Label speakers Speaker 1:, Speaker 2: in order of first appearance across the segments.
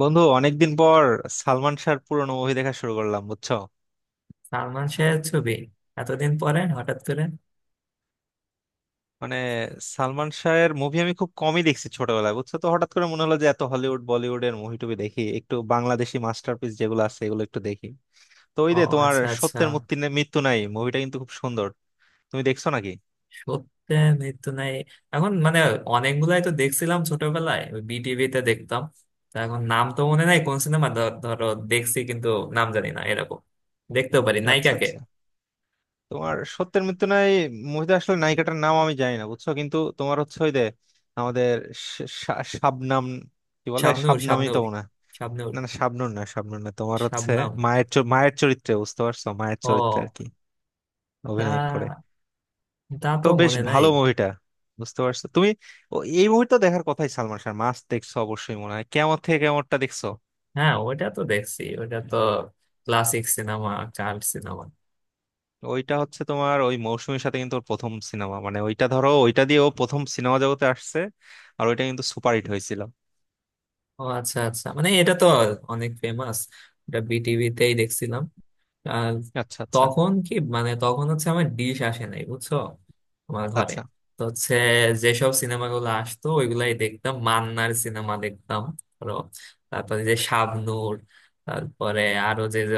Speaker 1: বন্ধু, অনেকদিন পর সালমান শাহর পুরোনো মুভি দেখা শুরু করলাম, বুঝছো?
Speaker 2: সালমান শাহের ছবি এতদিন পরে হঠাৎ করে।
Speaker 1: মানে সালমান শাহের মুভি আমি খুব কমই দেখছি ছোটবেলায়, বুঝছো তো। হঠাৎ করে মনে হলো যে এত হলিউড বলিউডের মুভি টুবি দেখি, একটু বাংলাদেশি মাস্টারপিস যেগুলো আছে এগুলো একটু দেখি। তো ওই
Speaker 2: ও,
Speaker 1: যে তোমার
Speaker 2: আচ্ছা আচ্ছা।
Speaker 1: সত্যের মৃত্যু নাই মুভিটা কিন্তু খুব সুন্দর। তুমি দেখছো নাকি?
Speaker 2: সত্যে মৃত্যু নাই এখন অনেকগুলাই তো দেখছিলাম ছোটবেলায়, ওই বিটিভিতে দেখতাম। তা এখন নাম তো মনে নাই কোন সিনেমা, ধরো, দেখছি কিন্তু, নাম জানি না, এরকম দেখতেও পারি
Speaker 1: আচ্ছা
Speaker 2: নায়িকাকে।
Speaker 1: আচ্ছা। তোমার সত্যের মৃত্যু নাই মুভিতে আসলে নায়িকাটার নাম আমি জানি না, বুঝছো, কিন্তু তোমার হচ্ছে ওই যে আমাদের শা- শা- শাবনাম, কি বলে,
Speaker 2: শাবনূর,
Speaker 1: শাবনামই তো
Speaker 2: শাবনূর,
Speaker 1: মনে হয়।
Speaker 2: শাবনূর,
Speaker 1: না না, শাবনূর না, শাবনূর না, তোমার হচ্ছে
Speaker 2: শাবনাম।
Speaker 1: মায়ের চরিত্রে, বুঝতে পারছো, মায়ের চরিত্রে আর
Speaker 2: ও,
Speaker 1: কি অভিনয় করে।
Speaker 2: তা তা
Speaker 1: তো
Speaker 2: তো
Speaker 1: বেশ
Speaker 2: মনে নাই।
Speaker 1: ভালো মুভিটা, বুঝতে পারছো তুমি? এই মুভি তো দেখার কথাই। সালমান শাহ মাস্ট দেখছো অবশ্যই, মনে হয়। কেমন থেকে কেমনটা দেখছো?
Speaker 2: হ্যাঁ, ওটা তো দেখছি, ওটা তো ক্লাসিক সিনেমা, চাইল্ড সিনেমা।
Speaker 1: ওইটা হচ্ছে তোমার ওই মৌসুমীর সাথে, কিন্তু ওর প্রথম সিনেমা। মানে ওইটা ধরো, ওইটা দিয়ে ও প্রথম সিনেমা জগতে আসছে। আর ওইটা কিন্তু সুপারহিট হয়েছিল।
Speaker 2: ও আচ্ছা আচ্ছা, এটা তো অনেক ফেমাস, এটা বিটিভিতেই দেখছিলাম। আর
Speaker 1: আচ্ছা আচ্ছা
Speaker 2: তখন কি মানে তখন হচ্ছে আমার ডিশ আসে নাই বুঝছো, আমার ঘরে।
Speaker 1: আচ্ছা।
Speaker 2: তো হচ্ছে, যেসব সিনেমাগুলো আসতো ওইগুলাই দেখতাম, মান্নার সিনেমা দেখতাম, ধরো, তারপরে যে শাবনূর, তারপরে আরো যে যে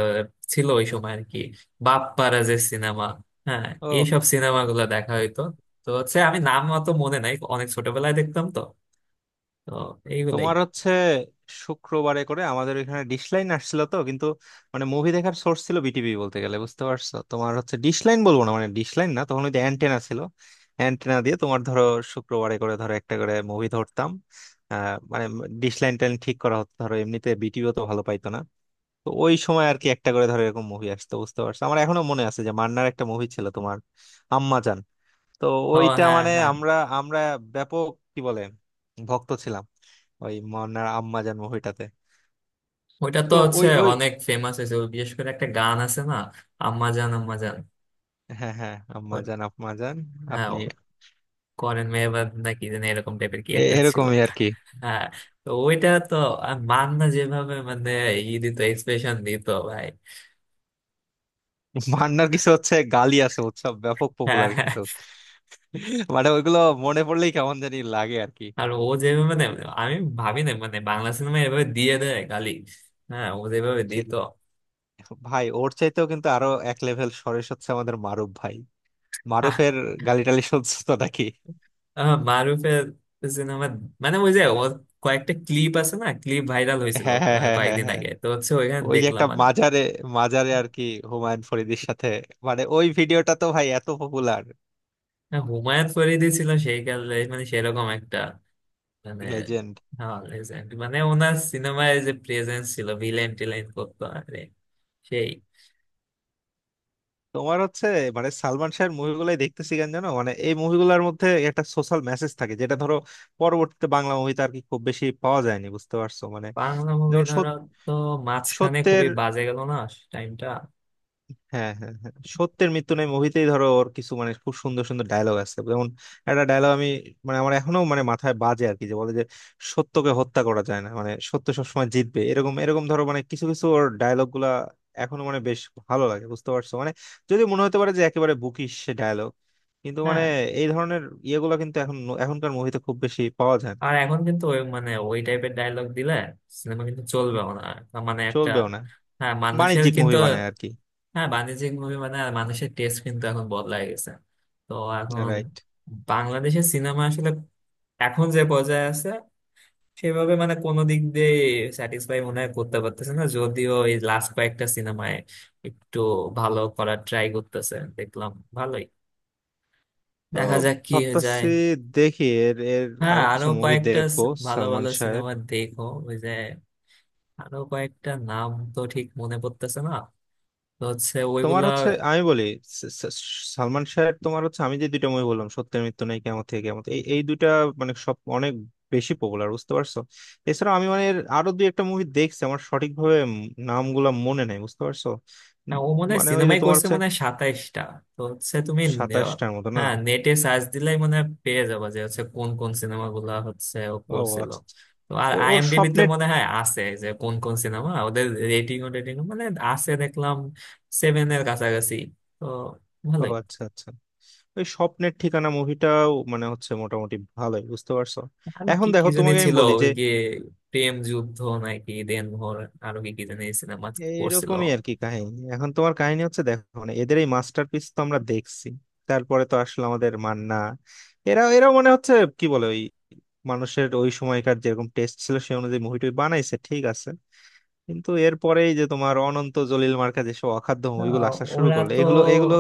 Speaker 2: ছিল ওই সময় আর কি, বাপ্পারা যে সিনেমা, হ্যাঁ,
Speaker 1: ও,
Speaker 2: এইসব সিনেমাগুলো দেখা হইতো। তো হচ্ছে আমি নাম অত মনে নাই, অনেক ছোটবেলায় দেখতাম তো, তো এইগুলাই।
Speaker 1: তোমার হচ্ছে শুক্রবারে করে আমাদের এখানে ডিশলাইন আসছিল তো, কিন্তু মুভি দেখার সোর্স ছিল বিটিভি বলতে গেলে, বুঝতে পারছো? তোমার হচ্ছে ডিশলাইন বলবো না, মানে ডিশলাইন না, তখন ওই যে অ্যান্টেনা ছিল। অ্যান্টেনা দিয়ে তোমার ধরো শুক্রবারে করে ধরো একটা করে মুভি ধরতাম। আহ মানে ডিশলাইন টাইন ঠিক করা হতো ধরো, এমনিতে বিটিভিও তো ভালো পাইতো না। তো ওই সময় আর কি একটা করে ধরো এরকম মুভি আসতো, বুঝতে পারছো? আমার এখনো মনে আছে যে মান্নার একটা মুভি ছিল তোমার, আম্মাজান। তো
Speaker 2: ও
Speaker 1: ওইটা
Speaker 2: হ্যাঁ
Speaker 1: মানে
Speaker 2: হ্যাঁ,
Speaker 1: আমরা, আমরা ব্যাপক, কি বলে, ভক্ত ছিলাম ওই মনার আম্মাজান মুভিটাতে।
Speaker 2: ওইটা তো
Speaker 1: তো
Speaker 2: হচ্ছে
Speaker 1: ওই ওই
Speaker 2: অনেক ফেমাস হয়েছে, ওই বিশেষ করে একটা গান আছে না, আম্মা জান আম্মা জান,
Speaker 1: হ্যাঁ হ্যাঁ,
Speaker 2: ওই-
Speaker 1: আম্মাজান আম্মাজান।
Speaker 2: হ্যাঁ,
Speaker 1: আপনি
Speaker 2: ও করেন মেহবাব নাকি যেন, এরকম টাইপের কি একটা ছিল।
Speaker 1: এরকমই আর কি।
Speaker 2: হ্যাঁ, তো ওইটা তো, আর মান্না যেভাবে ই দিত, এক্সপ্রেশন দিত ভাই।
Speaker 1: মান্নার কিছু হচ্ছে গালি আছে, উৎসব ব্যাপক পপুলার
Speaker 2: হ্যাঁ,
Speaker 1: কিন্তু। মানে ওইগুলো মনে পড়লেই কেমন জানি লাগে আর কি।
Speaker 2: আর ও যেভাবে
Speaker 1: যদি
Speaker 2: আমি ভাবি না বাংলা সিনেমা এভাবে দিয়ে দেয় গালি। হ্যাঁ, ও যেভাবে
Speaker 1: সে-
Speaker 2: দিত।
Speaker 1: ভাই, ওর চাইতেও কিন্তু আরো এক লেভেল সরেস হচ্ছে আমাদের মারুফ ভাই।
Speaker 2: আহ,
Speaker 1: মারুফের গালি টালি শুনছো তো নাকি?
Speaker 2: মারুফের সিনেমা, ওই যে ও কয়েকটা ক্লিপ আছে না, ক্লিপ ভাইরাল হয়েছিল।
Speaker 1: হ্যাঁ হ্যাঁ হ্যাঁ হ্যাঁ
Speaker 2: কয়েকদিন
Speaker 1: হ্যাঁ।
Speaker 2: আগে তো হচ্ছে ওইখানে
Speaker 1: ওই যে একটা
Speaker 2: দেখলাম।
Speaker 1: মাজারে, মাজারে আর কি, হুমায়ুন ফরিদির সাথে। মানে ওই ভিডিওটা তো ভাই এত পপুলার।
Speaker 2: না, হুমায়ুন ফরিদি ছিল সেই কালে, সেরকম একটা, মানে
Speaker 1: লেজেন্ড।
Speaker 2: হ্যাঁ, legend। মানে ওনার সিনেমায় যে প্রেজেন্স ছিল, ভিলেন টিলেন করতো, আরে সেই।
Speaker 1: তোমার হচ্ছে সালমান শাহের মুভিগুলাই দেখতেছি কেন জানো? মানে এই মুভিগুলোর মধ্যে একটা সোশ্যাল মেসেজ থাকে, যেটা ধরো পরবর্তীতে বাংলা মুভিতে আর কি খুব বেশি পাওয়া যায়নি, বুঝতে পারছো মানে?
Speaker 2: বাংলা মুভি
Speaker 1: যেমন
Speaker 2: ধরো,
Speaker 1: সত-
Speaker 2: তো মাঝখানে
Speaker 1: সত্যের,
Speaker 2: খুবই বাজে গেল না টাইমটা।
Speaker 1: হ্যাঁ হ্যাঁ হ্যাঁ, সত্যের মৃত্যু নেই মুভিতেই ধরো ওর কিছু মানে খুব সুন্দর সুন্দর ডায়লগ আছে। যেমন একটা ডায়লগ আমি মানে আমার এখনো মানে মাথায় বাজে আর কি, যে বলে যে সত্যকে হত্যা করা যায় না, মানে সত্য সবসময় জিতবে, এরকম এরকম ধরো। মানে কিছু কিছু ওর ডায়লগ গুলা এখনো মানে বেশ ভালো লাগে, বুঝতে পারছো মানে? যদি মনে হতে পারে যে একেবারে বুকিশ সে ডায়লগ, কিন্তু মানে
Speaker 2: হ্যাঁ,
Speaker 1: এই ধরনের ইয়েগুলো কিন্তু এখন, এখনকার মুভিতে খুব বেশি পাওয়া যায় না।
Speaker 2: আর এখন কিন্তু ওই ওই টাইপের ডায়লগ দিলে সিনেমা কিন্তু চলবেও না, আর তার মানে একটা।
Speaker 1: চলবেও না,
Speaker 2: হ্যাঁ, মানুষের
Speaker 1: বাণিজ্যিক মুভি
Speaker 2: কিন্তু।
Speaker 1: বানায় আর কি।
Speaker 2: হ্যাঁ বাণিজ্যিক মুভি, মানে আর মানুষের টেস্ট কিন্তু এখন বদলায় গেছে। তো এখন
Speaker 1: রাইট।
Speaker 2: বাংলাদেশের সিনেমা আসলে এখন যে পর্যায়ে আছে, সেভাবে কোনো দিক দিয়ে স্যাটিসফাই মনে হয় করতে পারতেছে না, যদিও এই লাস্ট কয়েকটা সিনেমায় একটু ভালো করার ট্রাই করতেছে দেখলাম, ভালোই,
Speaker 1: তো
Speaker 2: দেখা যাক কি হয়ে যায়।
Speaker 1: ভাবতাছি দেখি, এর এর
Speaker 2: হ্যাঁ,
Speaker 1: আরো
Speaker 2: আরো
Speaker 1: কিছু মুভি
Speaker 2: কয়েকটা
Speaker 1: দেখবো
Speaker 2: ভালো
Speaker 1: সালমান
Speaker 2: ভালো
Speaker 1: শাহের।
Speaker 2: সিনেমা দেখো, ওই যে আরো কয়েকটা নাম তো ঠিক মনে পড়তেছে না, তো হচ্ছে
Speaker 1: তোমার
Speaker 2: ওইগুলা।
Speaker 1: হচ্ছে আমি বলি, স- স- সালমান শাহের তোমার হচ্ছে আমি যে দুইটা মুভি বললাম, সত্যের মৃত্যু নেই, কেমন থেকে কেমন, এই এই দুইটা মানে সব অনেক বেশি পপুলার, বুঝতে পারছো। এছাড়া আমি মানে এর আরো দুই একটা মুভি দেখছি, আমার সঠিকভাবে নামগুলা মনে নেই, বুঝতে পারছো। উম,
Speaker 2: হ্যাঁ ও মনে হয়
Speaker 1: মানে ওই যে
Speaker 2: সিনেমাই
Speaker 1: তোমার
Speaker 2: করছে,
Speaker 1: হচ্ছে
Speaker 2: মনে হয় 27টা। তো হচ্ছে তুমি, আহ,
Speaker 1: 27টার মতো না?
Speaker 2: হ্যাঁ, নেটে সার্চ দিলেই মনে হয় পেয়ে যাবো যে হচ্ছে কোন কোন সিনেমাগুলা হচ্ছে ও
Speaker 1: ও
Speaker 2: করছিল।
Speaker 1: আচ্ছা আচ্ছা।
Speaker 2: তো আর
Speaker 1: ওর
Speaker 2: আইএমডিবি তে
Speaker 1: স্বপ্নের।
Speaker 2: মনে হয় আছে যে কোন কোন সিনেমা, ওদের রেটিং, ও রেটিং মানে আছে দেখলাম 7 এর কাছাকাছি, তো
Speaker 1: ও
Speaker 2: ভালোই।
Speaker 1: আচ্ছা আচ্ছা। ওই স্বপ্নের ঠিকানা মুভিটাও মানে হচ্ছে মোটামুটি ভালোই, বুঝতে পারছো।
Speaker 2: আরো
Speaker 1: এখন
Speaker 2: কি কি
Speaker 1: দেখো,
Speaker 2: জানি
Speaker 1: তোমাকে আমি
Speaker 2: ছিল,
Speaker 1: বলি যে
Speaker 2: ওই কি, প্রেম যুদ্ধ নাকি দেনভোর, আরো কি কি জানি সিনেমা করছিল।
Speaker 1: এইরকমই আর কি কাহিনী। এখন তোমার কাহিনী হচ্ছে, দেখো মানে, এদের এই মাস্টারপিস তো আমরা দেখছি। তারপরে তো আসলে আমাদের মান্না, এরা এরাও মানে হচ্ছে, কি বলে, ওই মানুষের ওই সময়কার যেরকম টেস্ট ছিল সেই অনুযায়ী মুভিটা বানাইছে, ঠিক আছে। কিন্তু এরপরেই যে তোমার অনন্ত জলিল মার্কা যেসব অখাদ্য মুভিগুলো
Speaker 2: আহ,
Speaker 1: আসা শুরু
Speaker 2: ওরা
Speaker 1: করলো,
Speaker 2: তো
Speaker 1: এগুলো এগুলো।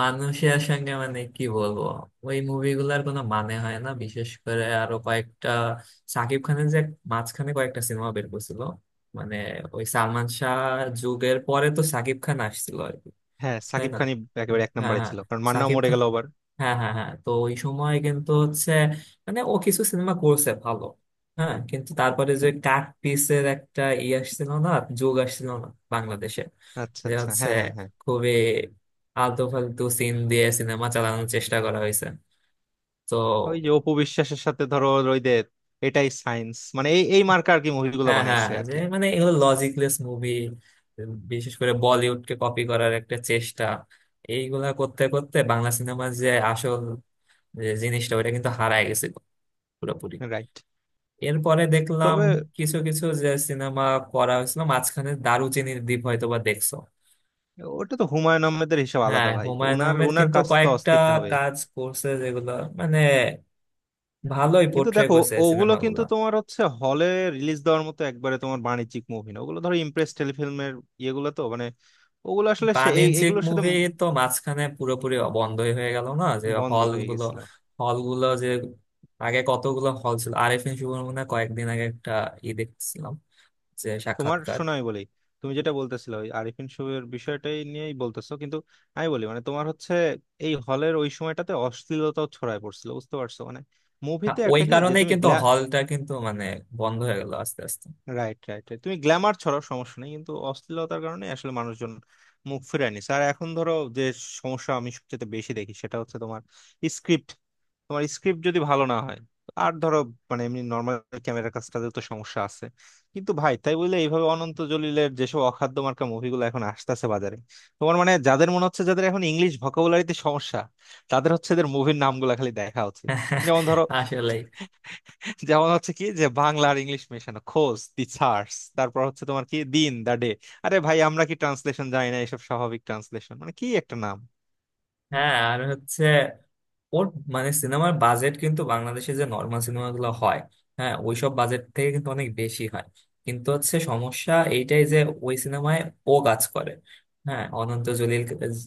Speaker 2: মানুষের সঙ্গে কি বলবো, ওই মুভিগুলার কোনো মানে হয় না। বিশেষ করে আরো কয়েকটা সাকিব খানের যে মাঝখানে কয়েকটা সিনেমা বের করছিল, মানে ওই সালমান শাহ যুগের পরে তো সাকিব খান আসছিল আর কি,
Speaker 1: হ্যাঁ,
Speaker 2: তাই
Speaker 1: সাকিব
Speaker 2: না।
Speaker 1: খানই একেবারে এক
Speaker 2: হ্যাঁ
Speaker 1: নম্বরে
Speaker 2: হ্যাঁ
Speaker 1: ছিল, কারণ মান্নাও
Speaker 2: সাকিব
Speaker 1: মরে
Speaker 2: খান,
Speaker 1: গেল আবার।
Speaker 2: হ্যাঁ হ্যাঁ হ্যাঁ, তো ওই সময় কিন্তু হচ্ছে ও কিছু সিনেমা করছে ভালো। হ্যাঁ, কিন্তু তারপরে যে কাট পিসের একটা ই আসছিল না, যোগ আসছিল না বাংলাদেশে,
Speaker 1: আচ্ছা
Speaker 2: যে
Speaker 1: আচ্ছা,
Speaker 2: হচ্ছে
Speaker 1: হ্যাঁ হ্যাঁ হ্যাঁ।
Speaker 2: খুবই আলতু ফালতু সিন দিয়ে সিনেমা চালানোর চেষ্টা করা হয়েছে।
Speaker 1: ওই
Speaker 2: তো
Speaker 1: যে অপু বিশ্বাসের সাথে ধরো, ওই যে এটাই সায়েন্স, মানে এই এই মার্কা আর কি মুভিগুলো
Speaker 2: হ্যাঁ হ্যাঁ,
Speaker 1: বানাইছে আর
Speaker 2: যে
Speaker 1: কি।
Speaker 2: এগুলো লজিকলেস মুভি, বিশেষ করে বলিউডকে কপি করার একটা চেষ্টা। এইগুলা করতে করতে বাংলা সিনেমার যে আসল যে জিনিসটা ওটা কিন্তু হারায় গেছিল পুরোপুরি।
Speaker 1: রাইট।
Speaker 2: এরপরে দেখলাম
Speaker 1: তবে
Speaker 2: কিছু কিছু যে সিনেমা করা হয়েছিল মাঝখানে, দারুচিনির দ্বীপ হয়তো বা দেখছো।
Speaker 1: ওটা তো হুমায়ুন আহমেদের, হিসাব আলাদা
Speaker 2: হ্যাঁ,
Speaker 1: ভাই।
Speaker 2: হুমায়ুন
Speaker 1: ওনার
Speaker 2: আহমেদ
Speaker 1: ওনার
Speaker 2: কিন্তু
Speaker 1: কাজ তো
Speaker 2: কয়েকটা
Speaker 1: অস্থির হবে।
Speaker 2: কাজ করছে যেগুলো মানে ভালোই
Speaker 1: কিন্তু
Speaker 2: পোট্রে
Speaker 1: দেখো,
Speaker 2: করছে
Speaker 1: ওগুলো কিন্তু
Speaker 2: সিনেমাগুলো।
Speaker 1: তোমার হচ্ছে হলে রিলিজ দেওয়ার মতো একবারে তোমার বাণিজ্যিক মুভি না, ওগুলো ধরো ইমপ্রেস টেলিফিল্মের ইয়েগুলো তো মানে, ওগুলো আসলে সে
Speaker 2: বাণিজ্যিক
Speaker 1: এগুলোর সাথে
Speaker 2: মুভি তো মাঝখানে পুরোপুরি বন্ধই হয়ে গেল না, যে
Speaker 1: বন্ধ হয়ে
Speaker 2: হলগুলো,
Speaker 1: গেছিল।
Speaker 2: হলগুলো যে আগে কতগুলো হল ছিল। আরেফিন শুভর মনে হয় কয়েকদিন আগে একটা ই দেখছিলাম, যে
Speaker 1: তোমার
Speaker 2: সাক্ষাৎকার।
Speaker 1: শোনো আমি বলি, তুমি যেটা বলতেছিলে ওই আরিফিন শুভের বিষয়টাই নিয়েই বলতেছো কিন্তু। আমি বলি মানে তোমার হচ্ছে এই হলের ওই সময়টাতে অশ্লীলতাও ছড়ায় পড়ছিল, বুঝতে পারছো মানে।
Speaker 2: হ্যাঁ,
Speaker 1: মুভিতে
Speaker 2: ওই
Speaker 1: একটা কি যে
Speaker 2: কারণেই
Speaker 1: তুমি
Speaker 2: কিন্তু
Speaker 1: গ্ল্যা,
Speaker 2: হলটা কিন্তু বন্ধ হয়ে গেল আস্তে আস্তে।
Speaker 1: রাইট রাইট, তুমি গ্ল্যামার ছড়াও সমস্যা নেই, কিন্তু অশ্লীলতার কারণে আসলে মানুষজন মুখ ফিরায় নিছে। আর এখন ধরো যে সমস্যা আমি সবচেয়ে বেশি দেখি সেটা হচ্ছে তোমার স্ক্রিপ্ট। তোমার স্ক্রিপ্ট যদি ভালো না হয়, আর ধরো মানে এমনি নর্মাল ক্যামেরার কাজটাতে তো সমস্যা আছে, কিন্তু ভাই তাই বলে এইভাবে অনন্ত জলিলের যেসব অখাদ্য মার্কা মুভিগুলো এখন আসতেছে বাজারে। তোমার মানে যাদের মনে হচ্ছে, যাদের এখন ইংলিশ ভোকাবুলারিতে সমস্যা, তাদের হচ্ছে এদের মুভির নামগুলো খালি দেখা উচিত। যেমন ধরো,
Speaker 2: আসলেই।
Speaker 1: যেমন হচ্ছে কি যে বাংলা আর ইংলিশ মেশানো খোঁজ দি সার্স, তারপর হচ্ছে তোমার কি দিন দা ডে। আরে ভাই, আমরা কি ট্রান্সলেশন জানি না? এসব স্বাভাবিক ট্রান্সলেশন মানে কি একটা নাম।
Speaker 2: হ্যাঁ আর হচ্ছে ওর সিনেমার বাজেট কিন্তু বাংলাদেশে যে নর্মাল সিনেমাগুলো হয়, হ্যাঁ ওইসব বাজেট থেকে কিন্তু অনেক বেশি হয়, কিন্তু হচ্ছে সমস্যা এইটাই যে ওই সিনেমায় ও কাজ করে, হ্যাঁ অনন্ত জলিল।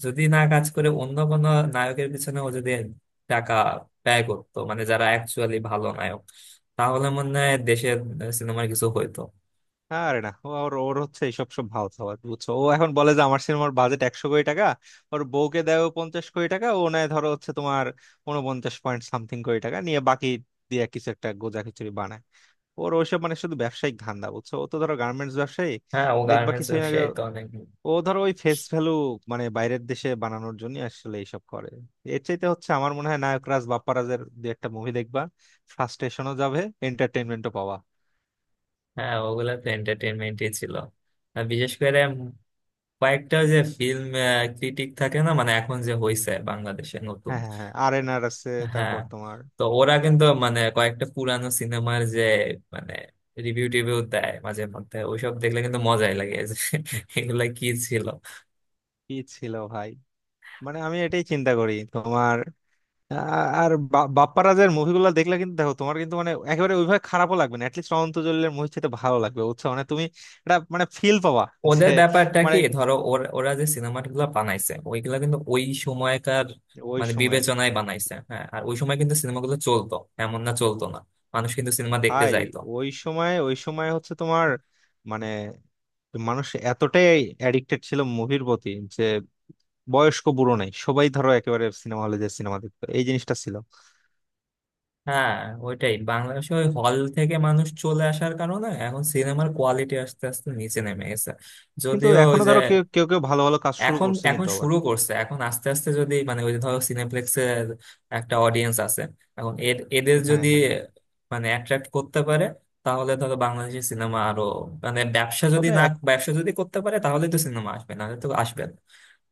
Speaker 2: যদি না কাজ করে অন্য কোনো নায়কের পিছনে, ও যদি টাকা ব্যয় করতো, মানে যারা অ্যাকচুয়ালি ভালো নায়ক, তাহলে মনে হয় দেশের সিনেমার কিছু হইতো।
Speaker 1: আরে না, ও- ওর ওর হচ্ছে এইসব সব ভাও খাওয়া, বুঝছো। ও এখন বলে যে আমার সিনেমার বাজেট 100 কোটি টাকা, ওর বউকে দেয় ও 50 কোটি টাকা, ও নেয় ধরো হচ্ছে তোমার 49 পয়েন্ট সামথিং কোটি টাকা নিয়ে, বাকি দিয়ে কিছু একটা গোজা খিচুড়ি বানায়। ওর ওইসব মানে শুধু ব্যবসায়িক ধান্দা, বুঝছো। ও তো ধরো গার্মেন্টস ব্যবসায়ী।
Speaker 2: হ্যাঁ ও
Speaker 1: দেখবা
Speaker 2: গার্মেন্টস
Speaker 1: কিছুদিন আগে
Speaker 2: ব্যবসায়ী তো অনেক।
Speaker 1: ও ধরো ওই ফেস ভ্যালু, মানে বাইরের দেশে বানানোর জন্য আসলে এইসব করে। এর চাইতে হচ্ছে আমার মনে হয় নায়করাজ বাপ্পারাজের দু একটা মুভি দেখবা, ফ্রাস্ট্রেশনও যাবে, এন্টারটেনমেন্টও পাওয়া।
Speaker 2: হ্যাঁ ওগুলা তো এন্টারটেনমেন্টই ছিল, আর বিশেষ করে কয়েকটা যে ফিল্ম ক্রিটিক থাকে না, মানে এখন যে হইছে বাংলাদেশে নতুন।
Speaker 1: হ্যাঁ হ্যাঁ হ্যাঁ, আর এন আর আছে।
Speaker 2: হ্যাঁ,
Speaker 1: তারপর তোমার
Speaker 2: তো ওরা কিন্তু কয়েকটা পুরানো সিনেমার যে মানে রিভিউ টিভিউ দেয় মাঝে মধ্যে, ওইসব দেখলে কিন্তু মজাই লাগে যে এগুলা কি ছিল।
Speaker 1: কি ছিল ভাই? মানে আমি এটাই চিন্তা করি তোমার। আ- বাপ্পারাজের মুভিগুলো দেখলে কিন্তু দেখো তোমার কিন্তু মানে একেবারে ওইভাবে খারাপও লাগবে না, অ্যাটলিস্ট অনন্ত জলিলের মুভি চেয়ে ভালো লাগবে, বুঝছো মানে। তুমি এটা মানে ফিল পাবা যে
Speaker 2: ওদের ব্যাপারটা
Speaker 1: মানে
Speaker 2: কি, ধরো ওরা যে সিনেমাগুলো বানাইছে ওইগুলা কিন্তু ওই সময়কার
Speaker 1: ওই সময়ের।
Speaker 2: বিবেচনায় বানাইছে। হ্যাঁ, আর ওই সময় কিন্তু সিনেমাগুলো চলতো, এমন না চলতো না, মানুষ কিন্তু সিনেমা দেখতে
Speaker 1: ভাই
Speaker 2: যাইতো।
Speaker 1: ওই সময় হচ্ছে তোমার মানে মানুষ এতটাই অ্যাডিক্টেড ছিল মুভির প্রতি যে বয়স্ক বুড়ো নাই, সবাই ধরো একেবারে সিনেমা হলে যে সিনেমা দেখতো, এই জিনিসটা ছিল।
Speaker 2: হ্যাঁ, ওইটাই বাংলাদেশে ওই হল থেকে মানুষ চলে আসার কারণে এখন সিনেমার কোয়ালিটি আস্তে আস্তে নিচে নেমে গেছে।
Speaker 1: কিন্তু
Speaker 2: যদিও ওই
Speaker 1: এখনো
Speaker 2: যে,
Speaker 1: ধরো কেউ কেউ কেউ ভালো ভালো কাজ শুরু
Speaker 2: এখন
Speaker 1: করছে,
Speaker 2: এখন
Speaker 1: কিন্তু আবার
Speaker 2: শুরু করছে, এখন আস্তে আস্তে যদি ওই যে ধরো সিনেপ্লেক্সের একটা অডিয়েন্স আছে, এখন এদের
Speaker 1: হ্যাঁ
Speaker 2: যদি
Speaker 1: হ্যাঁ।
Speaker 2: অ্যাট্রাক্ট করতে পারে, তাহলে ধরো বাংলাদেশি সিনেমা আরো, মানে ব্যবসা যদি
Speaker 1: তবে
Speaker 2: না ব্যবসা যদি করতে পারে তাহলে তো সিনেমা আসবে, নাহলে তো আসবে না।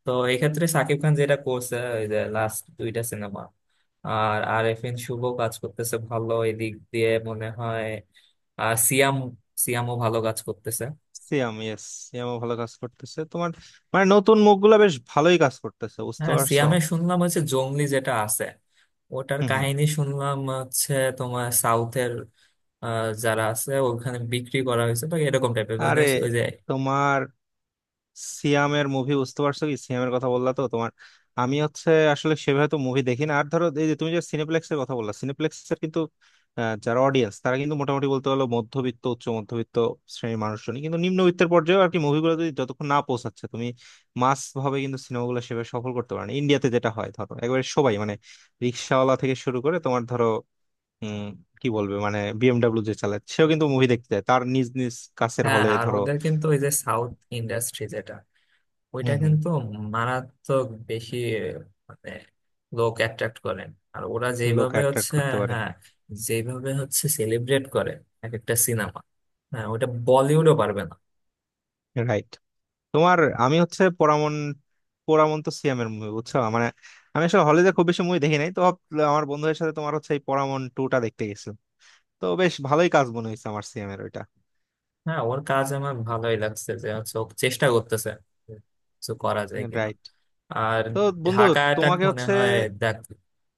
Speaker 2: তো এক্ষেত্রে সাকিব খান যেটা করছে ওই যে লাস্ট দুইটা সিনেমা, আর আরেফিন শুভ কাজ করতেছে ভালো এদিক দিয়ে মনে হয়। আর সিয়াম, সিয়ামও ভালো কাজ করতেছে।
Speaker 1: সিয়াম, ইয়েস, সিয়ামও ভালো কাজ করতেছে তোমার। মানে নতুন মুখগুলা বেশ ভালোই কাজ করতেছে, বুঝতে
Speaker 2: হ্যাঁ
Speaker 1: পারছো।
Speaker 2: সিয়ামে শুনলাম হচ্ছে জংলি যেটা আছে, ওটার
Speaker 1: হুম হুম।
Speaker 2: কাহিনী শুনলাম হচ্ছে তোমার সাউথের, আহ, যারা আছে ওখানে বিক্রি করা হয়েছে বা এরকম টাইপের, মানে
Speaker 1: আরে,
Speaker 2: ওই যে।
Speaker 1: তোমার সিয়ামের মুভি, বুঝতে পারছো, কি সিয়ামের কথা বললা তো তোমার। আমি হচ্ছে আসলে সেভাবে তো মুভি দেখি না। আর ধরো এই যে তুমি যে সিনেপ্লেক্সের কথা বললা, সিনেপ্লেক্সের কিন্তু যারা অডিয়েন্স, তারা কিন্তু মোটামুটি বলতে হলো মধ্যবিত্ত, উচ্চ মধ্যবিত্ত শ্রেণীর মানুষজনই। কিন্তু নিম্নবিত্তের পর্যায়ে আর কি মুভিগুলো যদি যতক্ষণ না পৌঁছাচ্ছে, তুমি মাস ভাবে কিন্তু সিনেমাগুলো সেভাবে সফল করতে পারো না। ইন্ডিয়াতে যেটা হয় ধরো একেবারে সবাই, মানে রিক্সাওয়ালা থেকে শুরু করে তোমার ধরো উম কি বলবে মানে বিএমডাব্লিউ যে চালায় সেও কিন্তু মুভি দেখতে যায় তার নিজ নিজ কাছের
Speaker 2: হ্যাঁ,
Speaker 1: হলে
Speaker 2: আর
Speaker 1: ধরো।
Speaker 2: ওদের কিন্তু ওই যে সাউথ ইন্ডাস্ট্রি যেটা,
Speaker 1: হম
Speaker 2: ওইটা
Speaker 1: হম।
Speaker 2: কিন্তু মারাত্মক বেশি মানে লোক অ্যাট্রাক্ট করেন, আর ওরা
Speaker 1: লোক
Speaker 2: যেভাবে
Speaker 1: অ্যাট্রাক্ট
Speaker 2: হচ্ছে,
Speaker 1: করতে পারে।
Speaker 2: হ্যাঁ, যেভাবে হচ্ছে সেলিব্রেট করে এক একটা সিনেমা, হ্যাঁ ওটা বলিউডও পারবে না।
Speaker 1: রাইট। তোমার আমি হচ্ছে পোড়ামন, পোড়ামন্ত সিয়ামের মুভি, বুঝছো মানে। আমি আসলে হলে যে খুব বেশি মুভি দেখি নাই তো আমার বন্ধুদের সাথে তোমার হচ্ছে এই পোড়ামন টুটা দেখতে গেছিলাম। তো বেশ ভালোই কাজ মনে হয়েছে আমার সিয়ামের ওইটা।
Speaker 2: হ্যাঁ ওর কাজ আমার ভালোই লাগছে, যে হচ্ছে ও চেষ্টা করতেছে কিছু করা যায় কিনা।
Speaker 1: রাইট।
Speaker 2: আর
Speaker 1: তো বন্ধু
Speaker 2: ঢাকা অ্যাটাক
Speaker 1: তোমাকে
Speaker 2: মনে
Speaker 1: হচ্ছে,
Speaker 2: হয় দেখ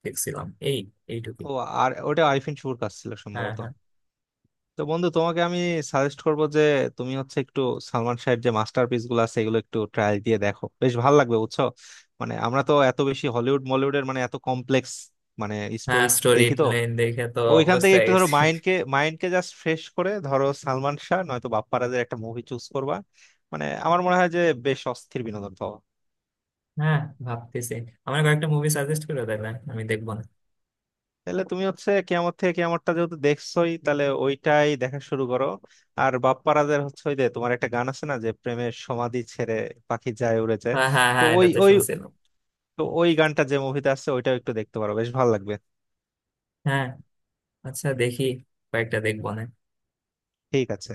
Speaker 2: দেখছিলাম, এই এইটুকুই।
Speaker 1: ও, আর ওটা আরিফিন শুভর কাজ ছিল
Speaker 2: হ্যাঁ
Speaker 1: সম্ভবত।
Speaker 2: হ্যাঁ।
Speaker 1: তো বন্ধু, তোমাকে আমি সাজেস্ট করব যে তুমি হচ্ছে একটু সালমান শাহের যে মাস্টারপিস গুলো আছে এগুলো একটু ট্রায়াল দিয়ে দেখো, বেশ ভালো লাগবে, বুঝছো। মানে আমরা তো এত বেশি হলিউড মলিউডের মানে এত কমপ্লেক্স মানে
Speaker 2: হ্যাঁ
Speaker 1: স্টোরি
Speaker 2: স্টোরি
Speaker 1: দেখি তো,
Speaker 2: লাইন দেখে তো
Speaker 1: ওইখান
Speaker 2: অভ্যস্ত
Speaker 1: থেকে
Speaker 2: হয়ে
Speaker 1: একটু ধরো
Speaker 2: গেছি।
Speaker 1: মাইন্ডকে মাইন্ডকে জাস্ট ফ্রেশ করে ধরো সালমান শাহ নয়তো বাপ্পারাজের একটা মুভি চুজ করবা। মানে আমার মনে হয় যে বেশ অস্থির বিনোদন পাওয়া।
Speaker 2: হ্যাঁ, ভাবতেছি আমার কয়েকটা মুভি সাজেস্ট করে দেবে, আমি দেখবো না।
Speaker 1: তাহলে তুমি হচ্ছে কেয়ামত থেকে কেয়ামতটা যেহেতু দেখছোই, তাহলে ওইটাই দেখা শুরু করো। আর বাপ্পারাজের হচ্ছে ওই যে তোমার একটা গান আছে না, যে প্রেমের সমাধি ছেড়ে পাখি যায় উড়ে যায়।
Speaker 2: হ্যাঁ হ্যাঁ
Speaker 1: তো
Speaker 2: হ্যাঁ
Speaker 1: ওই
Speaker 2: এটা তো
Speaker 1: ওই
Speaker 2: শুনছিলাম।
Speaker 1: তো ওই গানটা যে মুভিতে আছে ওইটাও একটু দেখতে পারো, বেশ ভালো লাগবে।
Speaker 2: হ্যাঁ, আচ্ছা, দেখি কয়েকটা দেখবো না।
Speaker 1: ঠিক আছে।